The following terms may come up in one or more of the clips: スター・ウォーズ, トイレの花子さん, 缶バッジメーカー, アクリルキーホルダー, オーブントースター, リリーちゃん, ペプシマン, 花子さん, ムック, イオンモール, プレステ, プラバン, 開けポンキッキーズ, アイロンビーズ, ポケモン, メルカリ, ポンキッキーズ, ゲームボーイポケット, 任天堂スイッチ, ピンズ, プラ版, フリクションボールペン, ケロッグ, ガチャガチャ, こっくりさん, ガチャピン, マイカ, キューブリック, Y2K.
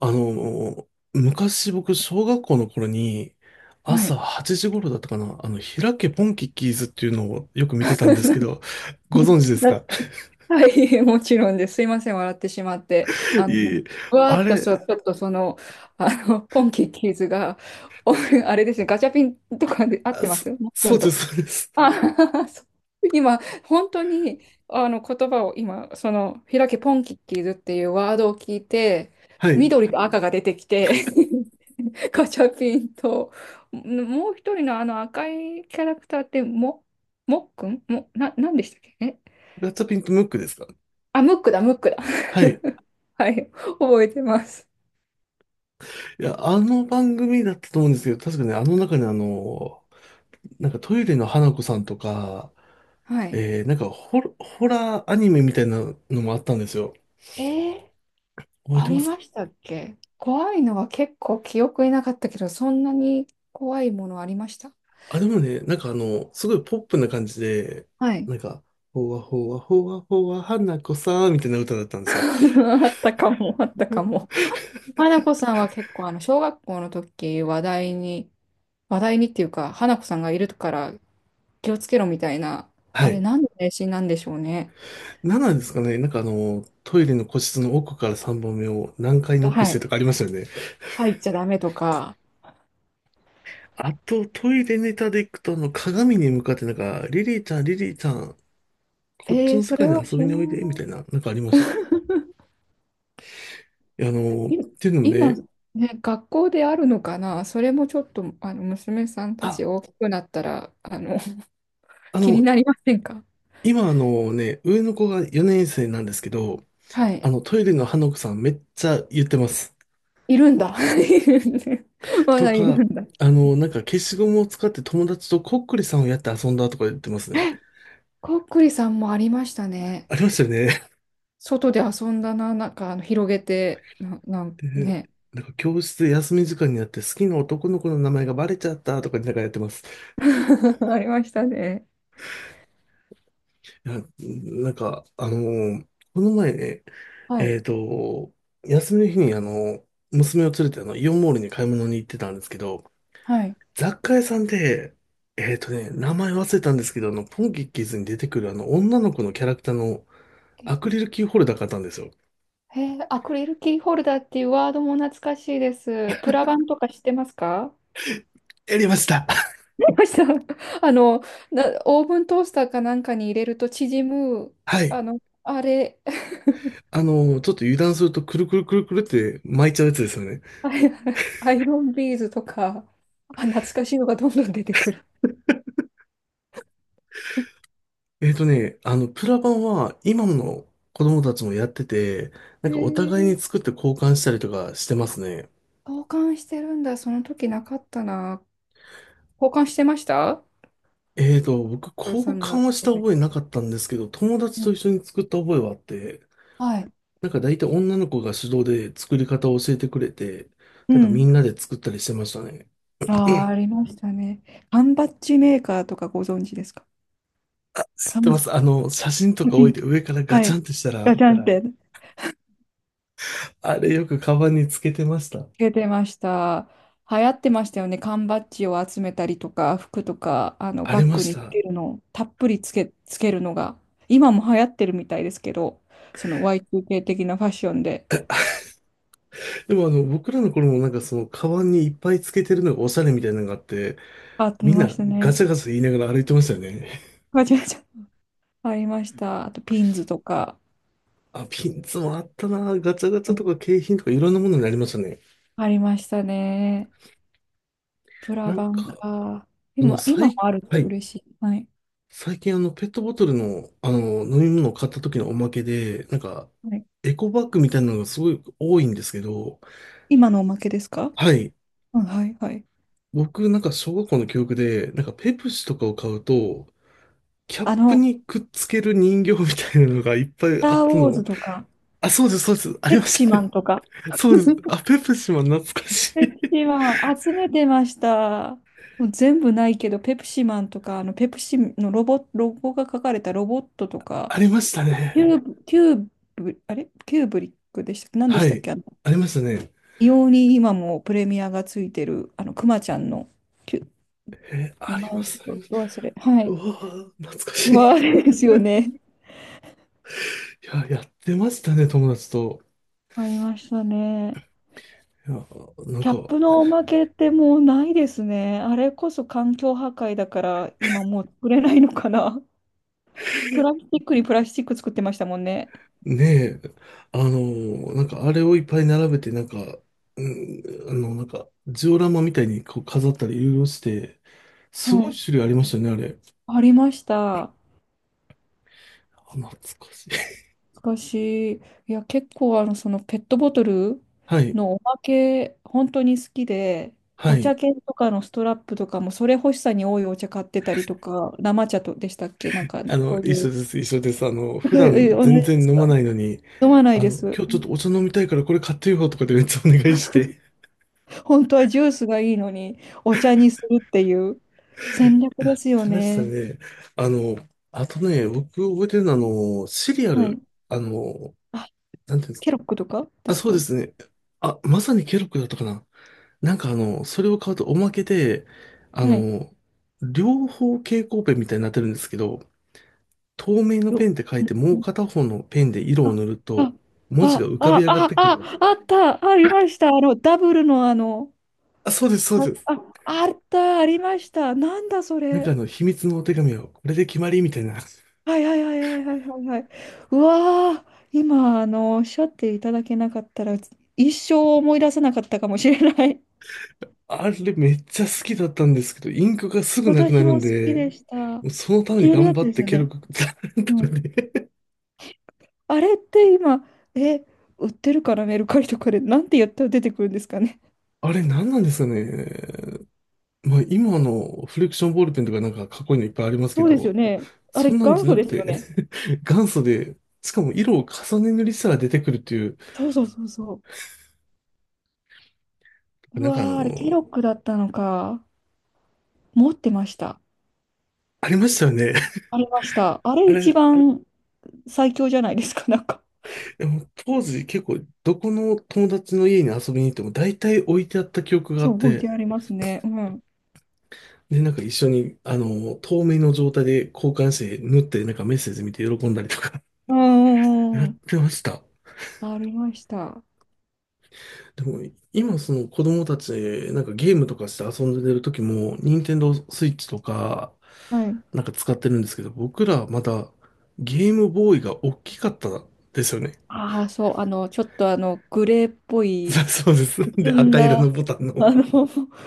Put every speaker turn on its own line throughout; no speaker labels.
あの、昔僕、小学校の頃に、
は
朝
い。
8時頃だったかな、開けポンキッキーズっていうのをよく見てたんですけど、ご存知です
だ
か？
はい、もちろんです。すいません、笑ってしまって。あ
いえい
の、
え、
うわー
あ
っと
れ、
そう、ちょっとその、あの、ポンキッキーズが、おあれですね、ガチャピンとかで合っ
あ、
てます、もっく
そう
ん
で
と、
す、そうです。
あ、そう、今、本当に、あの、言葉を今、その、開けポンキッキーズっていうワードを聞いて、
はい。
緑と赤が出てきて、ガチャピンと、もう一人のあの赤いキャラクターって、もっくんも、なんでしたっけ？え、
ガチャピンとムックですか？
あ、ムックだ、ムックだ。
はい。
はい、覚えてます。
いや、あの番組だったと思うんですけど、確かね、あの中になんかトイレの花子さんとか、
はい。
なんかホラーアニメみたいなのもあったんですよ。
えー、
覚え
あ
てま
り
す
ま
か？
したっけ？怖いのは結構記憶になかったけど、そんなに怖いものありました？
あ、でもね、なんかすごいポップな感じで、
はい。
なんか、ほわほわほわほわ花子さんみたいな歌だったんです よ。
あったかも、あったかも。花子さんは結構、あの、小学校の時、話題に、話題にっていうか、花子さんがいるから気をつけろみたいな、
は
あれ、
い。
何の迷信なんでしょうね。
何なんですかね、なんかトイレの個室の奥から3番目を何回ノック
は
して
い。
とかありましたよね。
入っちゃダメとか。
あと、トイレネタでいくと、鏡に向かってなんか、リリーちゃん、リリーちゃん、こっち
えー、
の世
そ
界
れ
に
は
遊
知
び
ら
においで、み
な
たいな、なんかありました。いや、っ
い。
ていうのも
今、
ね、
ね、学校であるのかな？それもちょっと、あの、娘さんた
あ、
ち大きくなったら、あの、
あ
気に
の、
なりませんか？
今ね、上の子が4年生なんですけど、
はい。
トイレの花子さんめっちゃ言ってます。
いるんだ。いるんだ、ま
と
だい
か、
るんだ。
なんか消しゴムを使って友達とこっくりさんをやって遊んだとか言ってますね。
こっくりさんもありましたね。
ありましたよね。
外で遊んだな、なんかあの広げて、なん
で、
ね。
なんか教室で休み時間になって好きな男の子の名前がバレちゃったとかなんかやってます。
ありましたね。
いや、なんか、この前ね、
は
え
い。
っと、休みの日に娘を連れてイオンモールに買い物に行ってたんですけど、
はい。
雑貨屋さんで、名前忘れたんですけど、ポンキッキーズに出てくるあの、女の子のキャラクターのアクリルキーホルダー買ったんですよ。
へえ、アクリルキーホルダーっていうワードも懐かしいです。プラバンとか知ってますか？
やりました。
ありました。あの、オーブントースターかなんかに入れると縮む、
はい。
あの、あれ、
ちょっと油断するとくるくるくるくるって巻いちゃうやつですよね。
あれ、アイロンビーズとか、あ、懐かしいのがどんどん出てくる。
プラ版は今の子供たちもやってて、な
へ
んかお互いに
え、
作って交換したりとかしてますね。
交換してるんだ。その時なかったな。交換してました？
僕
トル
交
さんが。
換はした覚えなかったんですけど、友達
う
と
ん、
一緒に作った覚えはあって、
はい。
なんか大体女の子が主導で作り方を教えてくれて、
う
なんかみ
ん。
んなで作ったりしてましたね。
ああ、ありましたね。缶バッジメーカーとかご存知ですか？
知ってま
缶、
す。写真と
パ
か
キン
置い
っ
て
て。
上からガ
は
チャン
い。
ってした
ガ
ら、
チャンって。
あれよくカバンにつけてました。
出てました。流行ってましたよね。缶バッジを集めたりとか、服とか、あの、
あり
バッ
ま
グ
し
につ
た。
けるのを、たっぷりつけるのが、今も流行ってるみたいですけど、その Y2K 的なファッションで、
でも僕らの頃もなんかカバンにいっぱいつけてるのがおしゃれみたいなのがあって、
あり
みん
ま
な
した
ガ
ね。
チャガチャ言いながら歩いてましたよね。
ガチャガチャありました。あと、ピンズとか、
あ、ピンツもあったな。ガチャガチ
う
ャと
ん、
か景品とかいろんなものになりましたね。
ありましたね。プラ
なん
バン
か、
か。
あの、
今も
最、
あるっ
は
て
い。
嬉しい。はい。
最近ペットボトルの、飲み物を買った時のおまけで、なんか、
はい。
エコバッグみたいなのがすごい多いんですけど、
今のおまけですか？
はい。
うん、はい、はい。
僕なんか小学校の記憶で、なんかペプシとかを買うと、キャッ
あ
プ
の、
に
ス
くっつける人形みたいなのがいっぱいあ
タ
っ
ー・
た
ウォーズ
の。
とか、
あ、そうです、そうです。あり
ペ
ま
プシ
した
マ
ね。
ンとか、
そうです。あ、ペプシマン懐かし
ペプ
い。
シマン集めてました。もう全部ないけど、ペプシマンとか、あの、ペプシのロゴが書かれたロボットと か、
ありましたね。
キューブ、あれキューブリックでしたっけ？何で
は
したっ
い。
け？あの、
ありましたね。
異様に今もプレミアがついてる、あの、クマちゃんの、キュ、
え、
名
あり
前
ま
をち
す、あ
ょ
り
っ
ま
と
す。
ど忘れ。は
う
い。
わぁ、懐かしい。
まあ、で
い
すよね。
や、やってましたね、友達と。
わかりましたね。
いや、なん
キャッ
か、
プのおまけってもうないですね。あれこそ環境破壊だから今もう作れないのかな。プラスチックにプラスチック作ってましたもんね。
ねえ、あのなんかあれをいっぱい並べて、なんか、うん、なんか、ジオラマみたいにこう飾ったりいろいろして、す
は
ごい
い。
種類ありましたね、あれ。
ありました。
あ、懐かしい。
しかしい。いや、結構あの、そのペットボトル
はい、
のおまけ、本当に好きで、
は
お茶
い。
券とかのストラップとかも、それ欲しさに多いお茶買ってたりとか、生茶とでしたっけ？なんか、そうい
一緒
う。
です、一緒です。
同
普段
じ
全
で
然
す
飲ま
か？
ないのに、
飲まないです。
今日ちょっとお茶飲みたいからこれ買ってよとかでめっちゃお願いして
本当はジュースがいいのに、お茶にするっていう戦略
や
で
っ
すよ
てました
ね。
ね。あの、あとね、僕覚えてるのは、シリア
は
ル、
い。
あの、
あ、
なんていうんです
ケ
か。
ロックとかで
あ、
す
そうで
か？
すね。あ、まさにケロッグだったかな。なんかそれを買うとおまけで、あ
はい。
の、両方蛍光ペンみたいになってるんですけど、透明の
よ、
ペンって書いて、も
う
う
ん、
片方のペンで色を
あ、
塗る
あ、
と、文字が浮かび上がってくる。
あった、ありました。あの、ダブルのあの、
あ、そうです、そう
あ、
です。
あ、あった、ありました。なんだそ
なんか
れ。
秘密のお手紙は、これで決まりみたいな。
はいはいはいはいはいはいはい。うわー、今、あの、おっしゃっていただけなかったら、一生思い出せなかったかもしれない。
あれめっちゃ好きだったんですけど、インクがす ぐなくな
私
るん
も好き
で、
でした。
もうそのために
消える
頑
や
張
つ
っ
です
て
よ
ケル
ね。
ク、
うん、あれって今、え、売ってるかな、メルカリとかで。なんてやったら出てくるんですかね。
あれ何なんですかね。まあ今のフリクションボールペンとかなんかかっこいいのいっぱいありますけ
そうですよ
ど、
ね。あ
そ
れ、
んなん
元
じゃ
祖
な
で
く
す
て、
よね。
元祖で、しかも色を重ね塗りしたら出てくるっていう、
そうそうそうそう。う
なんか
わー、あれ、ケロッグだったのか。持ってました。
ありましたよね。
ありました。あれ、
あ
一
れ、
番最強じゃないですか、なんか。
でも当時結構どこの友達の家に遊びに行っても大体置いてあった記憶があ
そう、
っ
置い
て、
てありますね。うん。
で、なんか一緒に、透明の状態で交換して縫ってなんかメッセージ見て喜んだりとか
うん う
や
んう
っ
んうん。
てました。
ありました。
でも今その子供たちなんかゲームとかして遊んでる時も、任天堂スイッチとか
はい。
なんか使ってるんですけど、僕らまだゲームボーイが大きかったですよね。
ああ、そう、あの、ちょっとあの、グレーっぽい、
そうで
く
す。で、
すん
赤色
だ、
のボタン
あ
の。
の、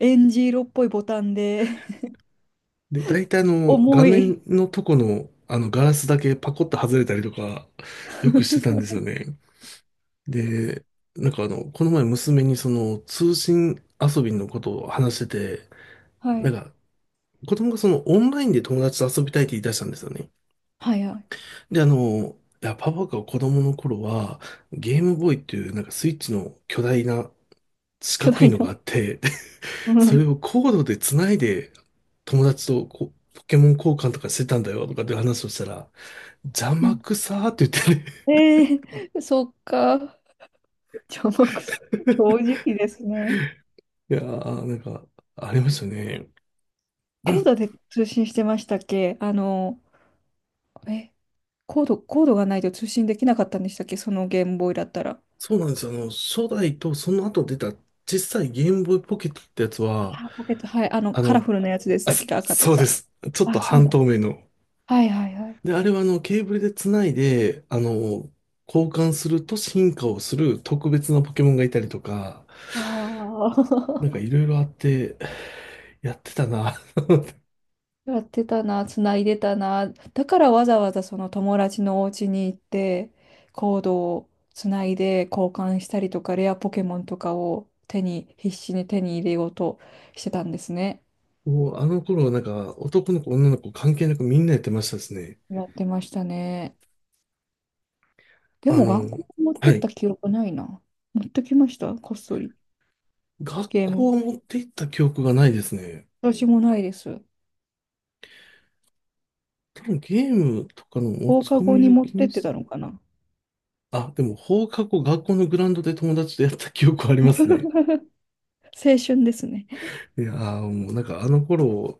エンジ色っぽいボタンで、
で、大体画
重い。
面のとこの、ガラスだけパコッと外れたりとか、よくしてたんですよね。で、なんかこの前娘にその、通信遊びのことを話してて、
は
なん
い。
か、子供がその、オンラインで友達と遊びたいって言い出したんですよね。
はいはい。
で、いや、パパが子供の頃は、ゲームボーイっていう、なんかスイッチの巨大な四
巨
角い
大
の
な。
があって、
う
それ
ん。
をコードで繋いで、友達とこうポケモン交換とかしてたんだよとかって話をしたら、邪
う
魔
ん。
くさーって言っ
ええ、 そっか。じゃあ、僕さん
て
正
ね
直ですね。
いやー、なんか、ありましたね。
コードで通信してましたっけ？あの、え、コードがないと通信できなかったんでしたっけ？そのゲームボーイだったら。
そうなんですよ。初代とその後出た小さいゲームボーイポケットってやつ
あ
は、
あポケット、はい。あの、
あ
カラ
の、
フルなやつでし
あ、
たっけ？赤と
そうで
か。
す。ちょっ
あ
と
あ、そう
半
だ。
透明の。
はいはいはい。
で、あれはケーブルで繋いで、交換すると進化をする特別なポケモンがいたりとか、
あ
なんか
あ。
いろいろあって、やってたな。
やってたな、つないでたな。だからわざわざその友達のお家に行って、コードをつないで交換したりとか、レアポケモンとかを手に、必死に手に入れようとしてたんですね。
もうあの頃はなんか、男の子、女の子関係なくみんなやってましたですね。
やってましたね。で
あ
も学
の、
校に持って
は
った
い。
記憶ないな。持ってきました、こっそり。
学
ゲーム。
校は持って行った記憶がないですね。
私もないです。
多分ゲームとかの持
放
ち
課
込
後
み
に
を
持っ
気
てっ
に
て
し、
たのかな。
あ、でも放課後学校のグラウンドで友達とやった記憶はありますね。
青春ですね。
いやーもうなんかあの頃、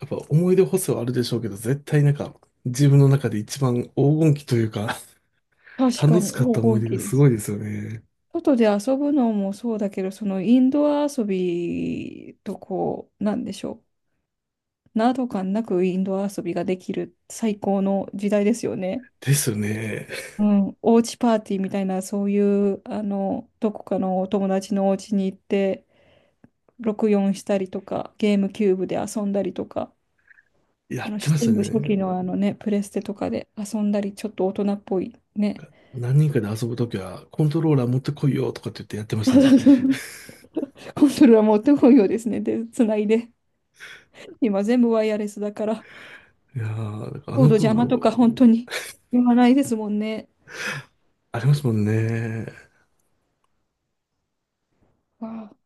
やっぱ思い出補正はあるでしょうけど、絶対なんか自分の中で一番黄金期というか、
確か
楽し
に
かっ
黄
た思い
金
出
期
が
で
すご
す。
いですよね。
外で遊ぶのもそうだけど、そのインドア遊びとこう、なんでしょう。など感なくインドア遊びができる最高の時代ですよね。
ですよね。
うん、おうちパーティーみたいな、そういう、あの、どこかのお友達のお家に行って、64したりとか、ゲームキューブで遊んだりとか、
や
あ
っ
の、
てました
全部初期
ね。
のあのね、プレステとかで遊んだり、ちょっと大人っぽいね。
何人かで遊ぶときは、コントローラー持ってこいよとかって言ってやってましたね。
コントローラー持ってこいようですね。で、つないで。今全部ワイヤレスだから。
いやー、だからあ
コー
の
ド邪魔と
頃、
か本当に言わないですもんね。
ありますもんね。
わあ、